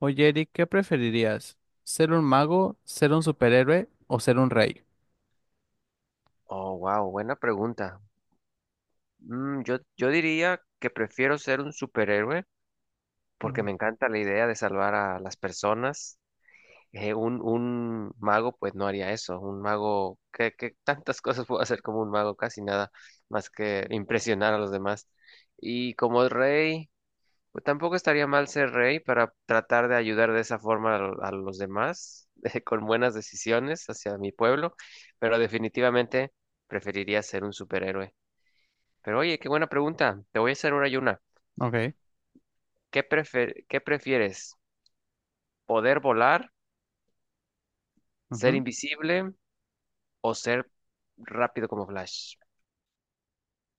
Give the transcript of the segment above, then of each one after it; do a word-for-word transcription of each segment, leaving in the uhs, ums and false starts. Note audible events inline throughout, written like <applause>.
Oye, Eric, ¿qué preferirías? ¿Ser un mago, ser un superhéroe o ser un rey? Oh, wow, buena pregunta. Mm, yo, yo diría que prefiero ser un superhéroe porque Ujú. me encanta la idea de salvar a las personas. Eh, un, un mago pues no haría eso. Un mago, ¿que tantas <laughs> cosas puedo hacer como un mago? Casi nada más que impresionar a los demás. Y como rey, pues tampoco estaría mal ser rey para tratar de ayudar de esa forma a, a los demás, <laughs> eh, con buenas decisiones hacia mi pueblo, pero definitivamente preferiría ser un superhéroe. Pero oye, qué buena pregunta. Te voy a hacer ahora yo una. Ok. ¿Qué prefer- ¿qué prefieres? ¿Poder volar, ser Ujú. invisible o ser rápido como Flash?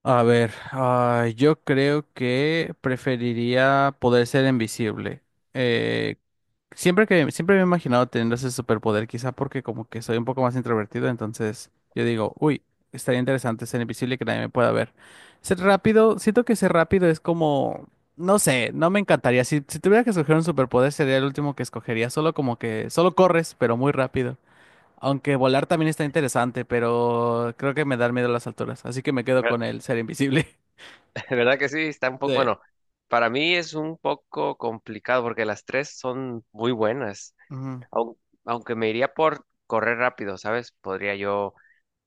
A ver, ah, yo creo que preferiría poder ser invisible. Eh, Siempre que, siempre me he imaginado teniendo ese superpoder, quizá porque como que soy un poco más introvertido, entonces yo digo, uy, estaría interesante ser invisible y que nadie me pueda ver. Ser rápido, siento que ser rápido es como, no sé, no me encantaría. Si, si tuviera que escoger un superpoder, sería el último que escogería, solo como que, solo corres, pero muy rápido. Aunque volar también está interesante, pero creo que me da miedo las alturas, así que me quedo con Ver- el ser invisible. <laughs> <laughs> ¿Verdad que sí? Está un poco, De, bueno, para mí es un poco complicado porque las tres son muy buenas. ujú, Aun- Aunque me iría por correr rápido, ¿sabes? Podría yo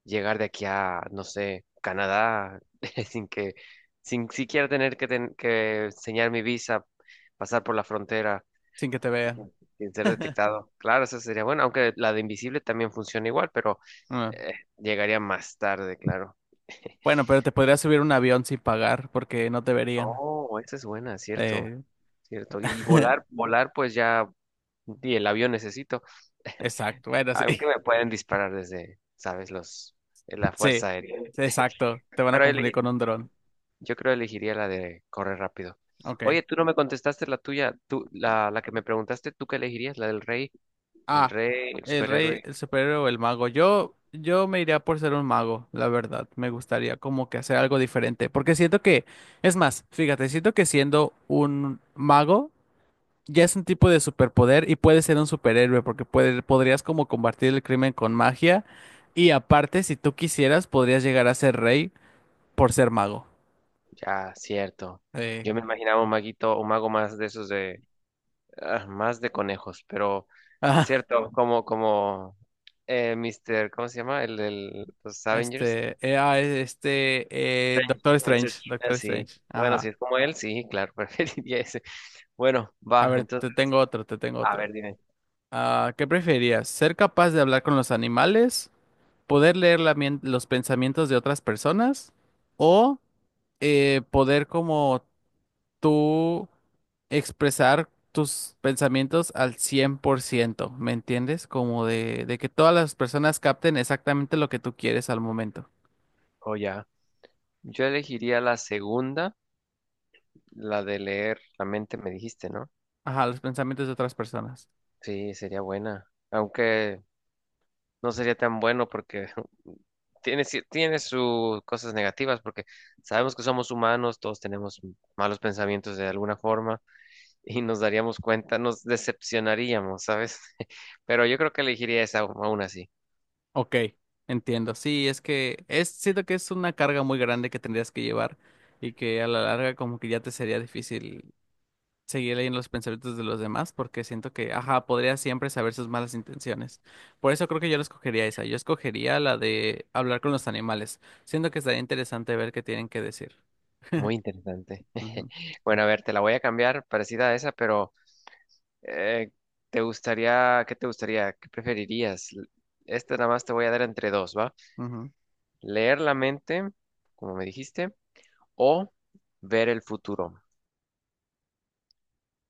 llegar de aquí a, no sé, Canadá <laughs> sin que, sin siquiera tener que, ten- que enseñar mi visa, pasar por la frontera. sin que te Y vean. sin sin ser detectado. Claro, eso sería bueno, aunque la de invisible también funciona igual, pero Ah. eh, llegaría más tarde, claro. Bueno, <laughs> pero te podrías subir a un avión sin pagar porque no te verían. Oh, esa es buena, cierto, Eh, cierto. Y <laughs> volar, volar, pues ya, y el avión necesito, exacto, bueno, sí. aunque me <laughs> pueden disparar desde, sabes, los, eh, la Sí, fuerza aérea. sí, exacto. Te van a Pero confundir elegí- con un dron. yo creo elegiría la de correr rápido. Ok. Oye, tú no me contestaste la tuya, tú, la, la que me preguntaste, ¿tú qué elegirías? La del rey, el Ah, rey, el el rey, superhéroe. el superhéroe o el mago. Yo, yo me iría por ser un mago, la verdad. Me gustaría como que hacer algo diferente. Porque siento que, es más, fíjate, siento que siendo un mago ya es un tipo de superpoder y puedes ser un superhéroe porque puede- podrías como combatir el crimen con magia. Y aparte, si tú quisieras, podrías llegar a ser rey por ser mago. Ya, cierto. Eh. Yo me imaginaba un maguito, un mago más de esos de, ah, más de conejos, pero <laughs> cierto, como, como, eh, míster, ¿cómo se llama? El de los Avengers. Este, era este, eh, Strange, Doctor Mr. Strange, Str- Doctor eh, sí. Strange. Bueno, si Ajá. es como él, sí, claro, <laughs> preferiría ese. Bueno, A va, ver, entonces, te tengo otro, te tengo a otro. ver, dime. Ah, ¿qué preferirías? ¿Ser capaz de hablar con los animales? ¿Poder leer la mien- los pensamientos de otras personas? ¿O eh, poder como tú expresar tus pensamientos al cien por ciento? ¿Me entiendes? Como de, de que todas las personas capten exactamente lo que tú quieres al momento. O ya. Yo elegiría la segunda, la de leer la mente, me dijiste, ¿no? Ajá, los pensamientos de otras personas. Sí, sería buena. Aunque no sería tan bueno porque <laughs> tiene, ci- tiene sus cosas negativas, porque sabemos que somos humanos, todos tenemos malos pensamientos de alguna forma <laughs> y nos daríamos cuenta, nos decepcionaríamos, ¿sabes? <laughs> Pero yo creo que elegiría esa au- aún así. Ok, entiendo. Sí, es que es, siento que es una carga muy grande que tendrías que llevar y que a la larga como que ya te sería difícil seguir leyendo los pensamientos de los demás porque siento que, ajá, podría siempre saber sus malas intenciones. Por eso creo que yo la escogería esa. Yo escogería la de hablar con los animales. Siento que estaría interesante ver qué tienen que decir. Muy interesante. <laughs> Ujú, Bueno, a ver, te la voy a cambiar, parecida a esa, pero eh, ¿te gustaría, qué te gustaría, ¿qué preferirías? Esta nada más te voy a dar entre dos, ¿va? ujú. Leer la mente, como me dijiste, o ver el futuro.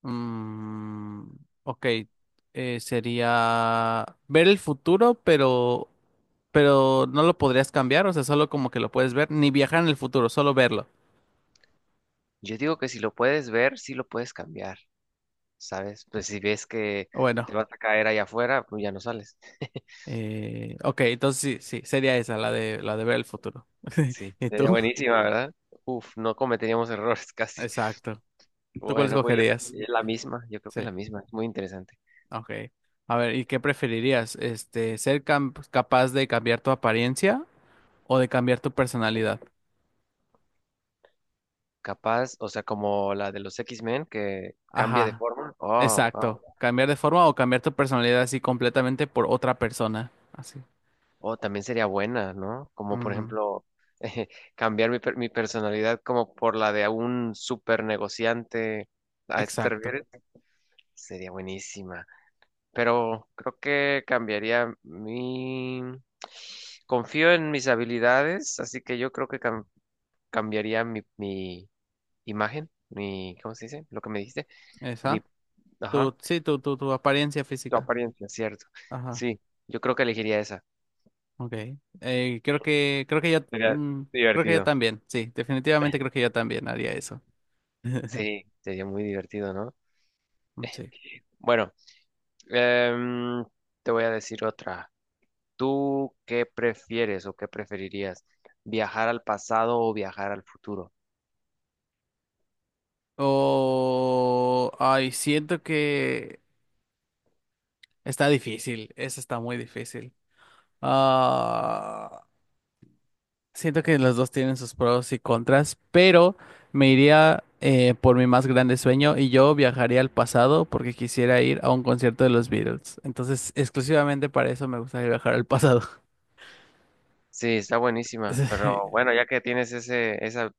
Mm, ok, eh, sería ver el futuro, pero pero no lo podrías cambiar, o sea, solo como que lo puedes ver, ni viajar en el futuro, solo verlo. Yo digo que si lo puedes ver, sí lo puedes cambiar, ¿sabes? Pues si ves que te Bueno, vas a caer allá afuera, pues ya no sales. <laughs> eh, ok, entonces sí, sí, sería esa, la de, la de ver el futuro. <laughs> Sí, ¿Y sería tú? buenísima, ¿verdad? Uf, no cometeríamos errores <laughs> casi. Exacto. ¿Tú cuál Bueno, pues yo te- escogerías? eh, la misma, yo creo Sí, que la misma, es muy interesante. ok. A ver, ¿y qué preferirías? Este, ¿ser cam- capaz de cambiar tu apariencia o de cambiar tu personalidad? Capaz, o sea, como la de los X-Men que cambia de Ajá, forma. Oh, wow. exacto. Cambiar de forma o cambiar tu personalidad así completamente por otra persona. Así. Oh, también sería buena, ¿no? Como por Ujú. ejemplo, <laughs> cambiar mi, per- mi personalidad como por la de un super negociante. ¿A eso te Exacto. refieres? Sería buenísima, pero creo que cambiaría mi... Confío en mis habilidades, así que yo creo que cam- cambiaría mi, mi imagen, mi, ¿cómo se dice? Lo que me dijiste, mi, Esa. ajá. Tu, sí, tu, tu, tu apariencia Tu física. apariencia, cierto. Ajá, Sí, yo creo que elegiría esa. ok. Eh, creo que, creo que yo, Sería mm, creo que yo divertido. también, sí, definitivamente creo <laughs> que yo también haría eso. <laughs> Sí, sería muy divertido, ¿no? Sí. Bueno, em, te voy a decir otra. ¿Tú qué prefieres o qué preferirías? ¿Viajar al pasado o viajar al futuro? O, ay, siento que está difícil, eso está muy difícil. Ah, siento que los dos tienen sus pros y contras, pero me iría eh, por mi más grande sueño y yo viajaría al pasado porque quisiera ir a un concierto de los Beatles. Entonces, exclusivamente para eso me gustaría viajar al pasado. Sí, está buenísima, <laughs> pero bueno, ya que tienes ese, esa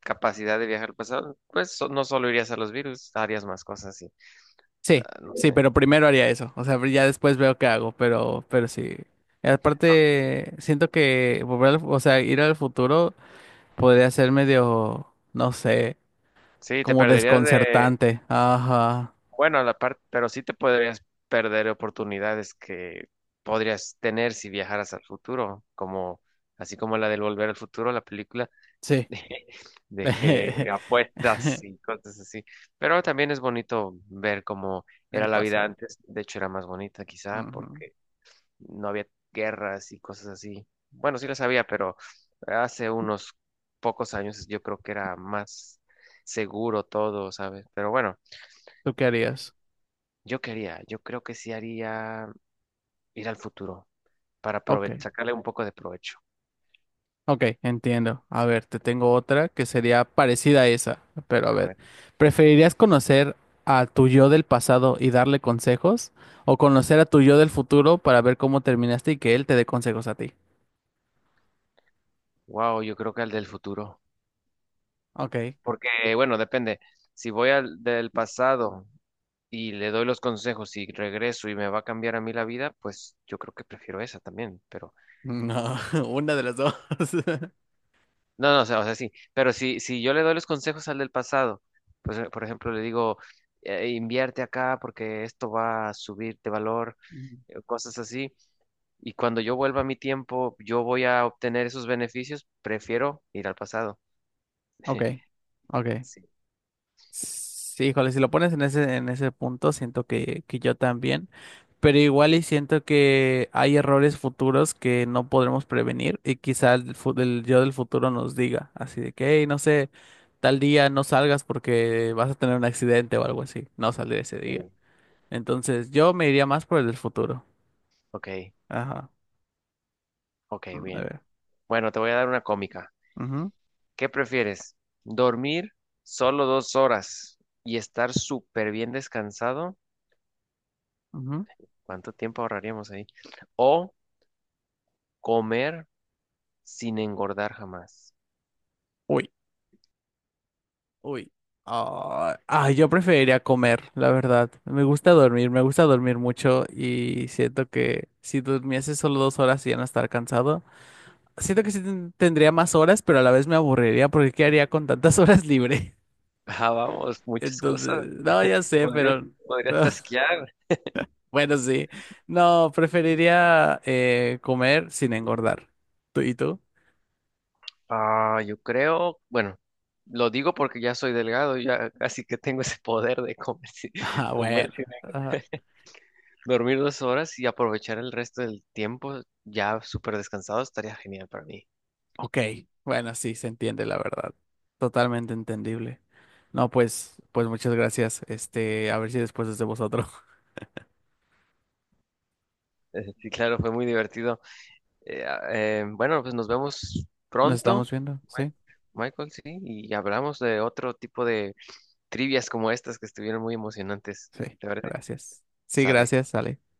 capacidad de viajar al pasado, pues so- no solo irías a los virus, harías más cosas y Sí, ah, no sí, pero sé. primero haría eso. O sea, ya después veo qué hago, pero, pero sí. Y Ah, aparte, siento que volver al, fu- o sea, ir al futuro podría ser medio, no sé, sí, te como perderías de, desconcertante. Ajá. bueno, la parte, pero sí te podrías perder oportunidades que podrías tener si viajaras al futuro, como así como la del Volver al Futuro, la película <laughs> Sí. de, de que <laughs> apuestas y cosas así. Pero también es bonito ver cómo era El la vida pasado. antes, de hecho era más bonita quizá Ujú. porque no había guerras y cosas así. Bueno, sí las había, pero hace unos pocos años yo creo que era más seguro todo, ¿sabes? Pero bueno, ¿Tú qué harías? yo quería, yo creo que sí haría ir al futuro para Ok. prove- sacarle un poco de provecho. Ok, entiendo. A ver, te tengo otra que sería parecida a esa, pero a A ver, ver, ¿preferirías conocer a tu yo del pasado y darle consejos o conocer a tu yo del futuro para ver cómo terminaste y que él te dé consejos a ti? wow, yo creo que al del futuro. Ok. Porque, bueno, depende. Si voy al del pasado y le doy los consejos y regreso y me va a cambiar a mí la vida, pues yo creo que prefiero esa también, pero... No, <laughs> una de las dos. <laughs> No, no, o sea, o sea, sí, pero si, si yo le doy los consejos al del pasado, pues, eh, por ejemplo, le digo, "Eh, invierte acá porque esto va a subir de valor, Mm. eh, cosas así", y cuando yo vuelva a mi tiempo, yo voy a obtener esos beneficios, prefiero ir al pasado. Ok, <laughs> ok. Sí, Sí, híjole, si lo pones en ese, en ese punto, siento que, que yo también, pero igual y siento que hay errores futuros que no podremos prevenir y quizá el, fu- el yo del futuro nos diga, así de que, hey, no sé, tal día no salgas porque vas a tener un accidente o algo así, no salir ese día. sí. Entonces yo me iría más por el del futuro. Ok, Ajá, ok, mm, a bien. ver. Bueno, te voy a dar una cómica. Ujú, ¿Qué prefieres? ¿Dormir solo dos horas y estar súper bien descansado? ujú. ¿Cuánto tiempo ahorraríamos ahí? ¿O comer sin engordar jamás? Uy. Uy. Ah, ah, yo preferiría comer, la verdad. Me gusta dormir, me gusta dormir mucho y siento que si durmiese solo dos horas y ya no estar cansado, siento que sí ten- tendría más horas, pero a la vez me aburriría porque ¿qué haría con tantas horas libre? <laughs> Ah, vamos, <laughs> muchas cosas. Entonces, no, <laughs> ya sé, Podría, pero podría <laughs> tasquear. bueno, sí. No, preferiría eh, comer sin engordar. ¿Tú y tú? <laughs> Ah, yo creo, bueno, lo digo porque ya soy delgado, ya casi que tengo ese poder de comer sin- <laughs> Ah, comer bueno. sin engordar. <laughs> Dormir dos horas y aprovechar el resto del tiempo ya súper descansado estaría genial para mí. Ok, bueno, sí, se entiende la verdad. Totalmente entendible. No, pues, pues muchas gracias. Este, a ver si después es de vosotros. <laughs> Eh, Sí, claro, fue muy divertido. Eh, ah, eh, bueno, pues nos vemos Nos pronto, estamos viendo, Mi- ¿sí? Michael, sí, y hablamos de otro tipo de trivias como estas que estuvieron muy emocionantes. Sí, ¿Te parece? gracias. Sí, Sale. gracias, Ale.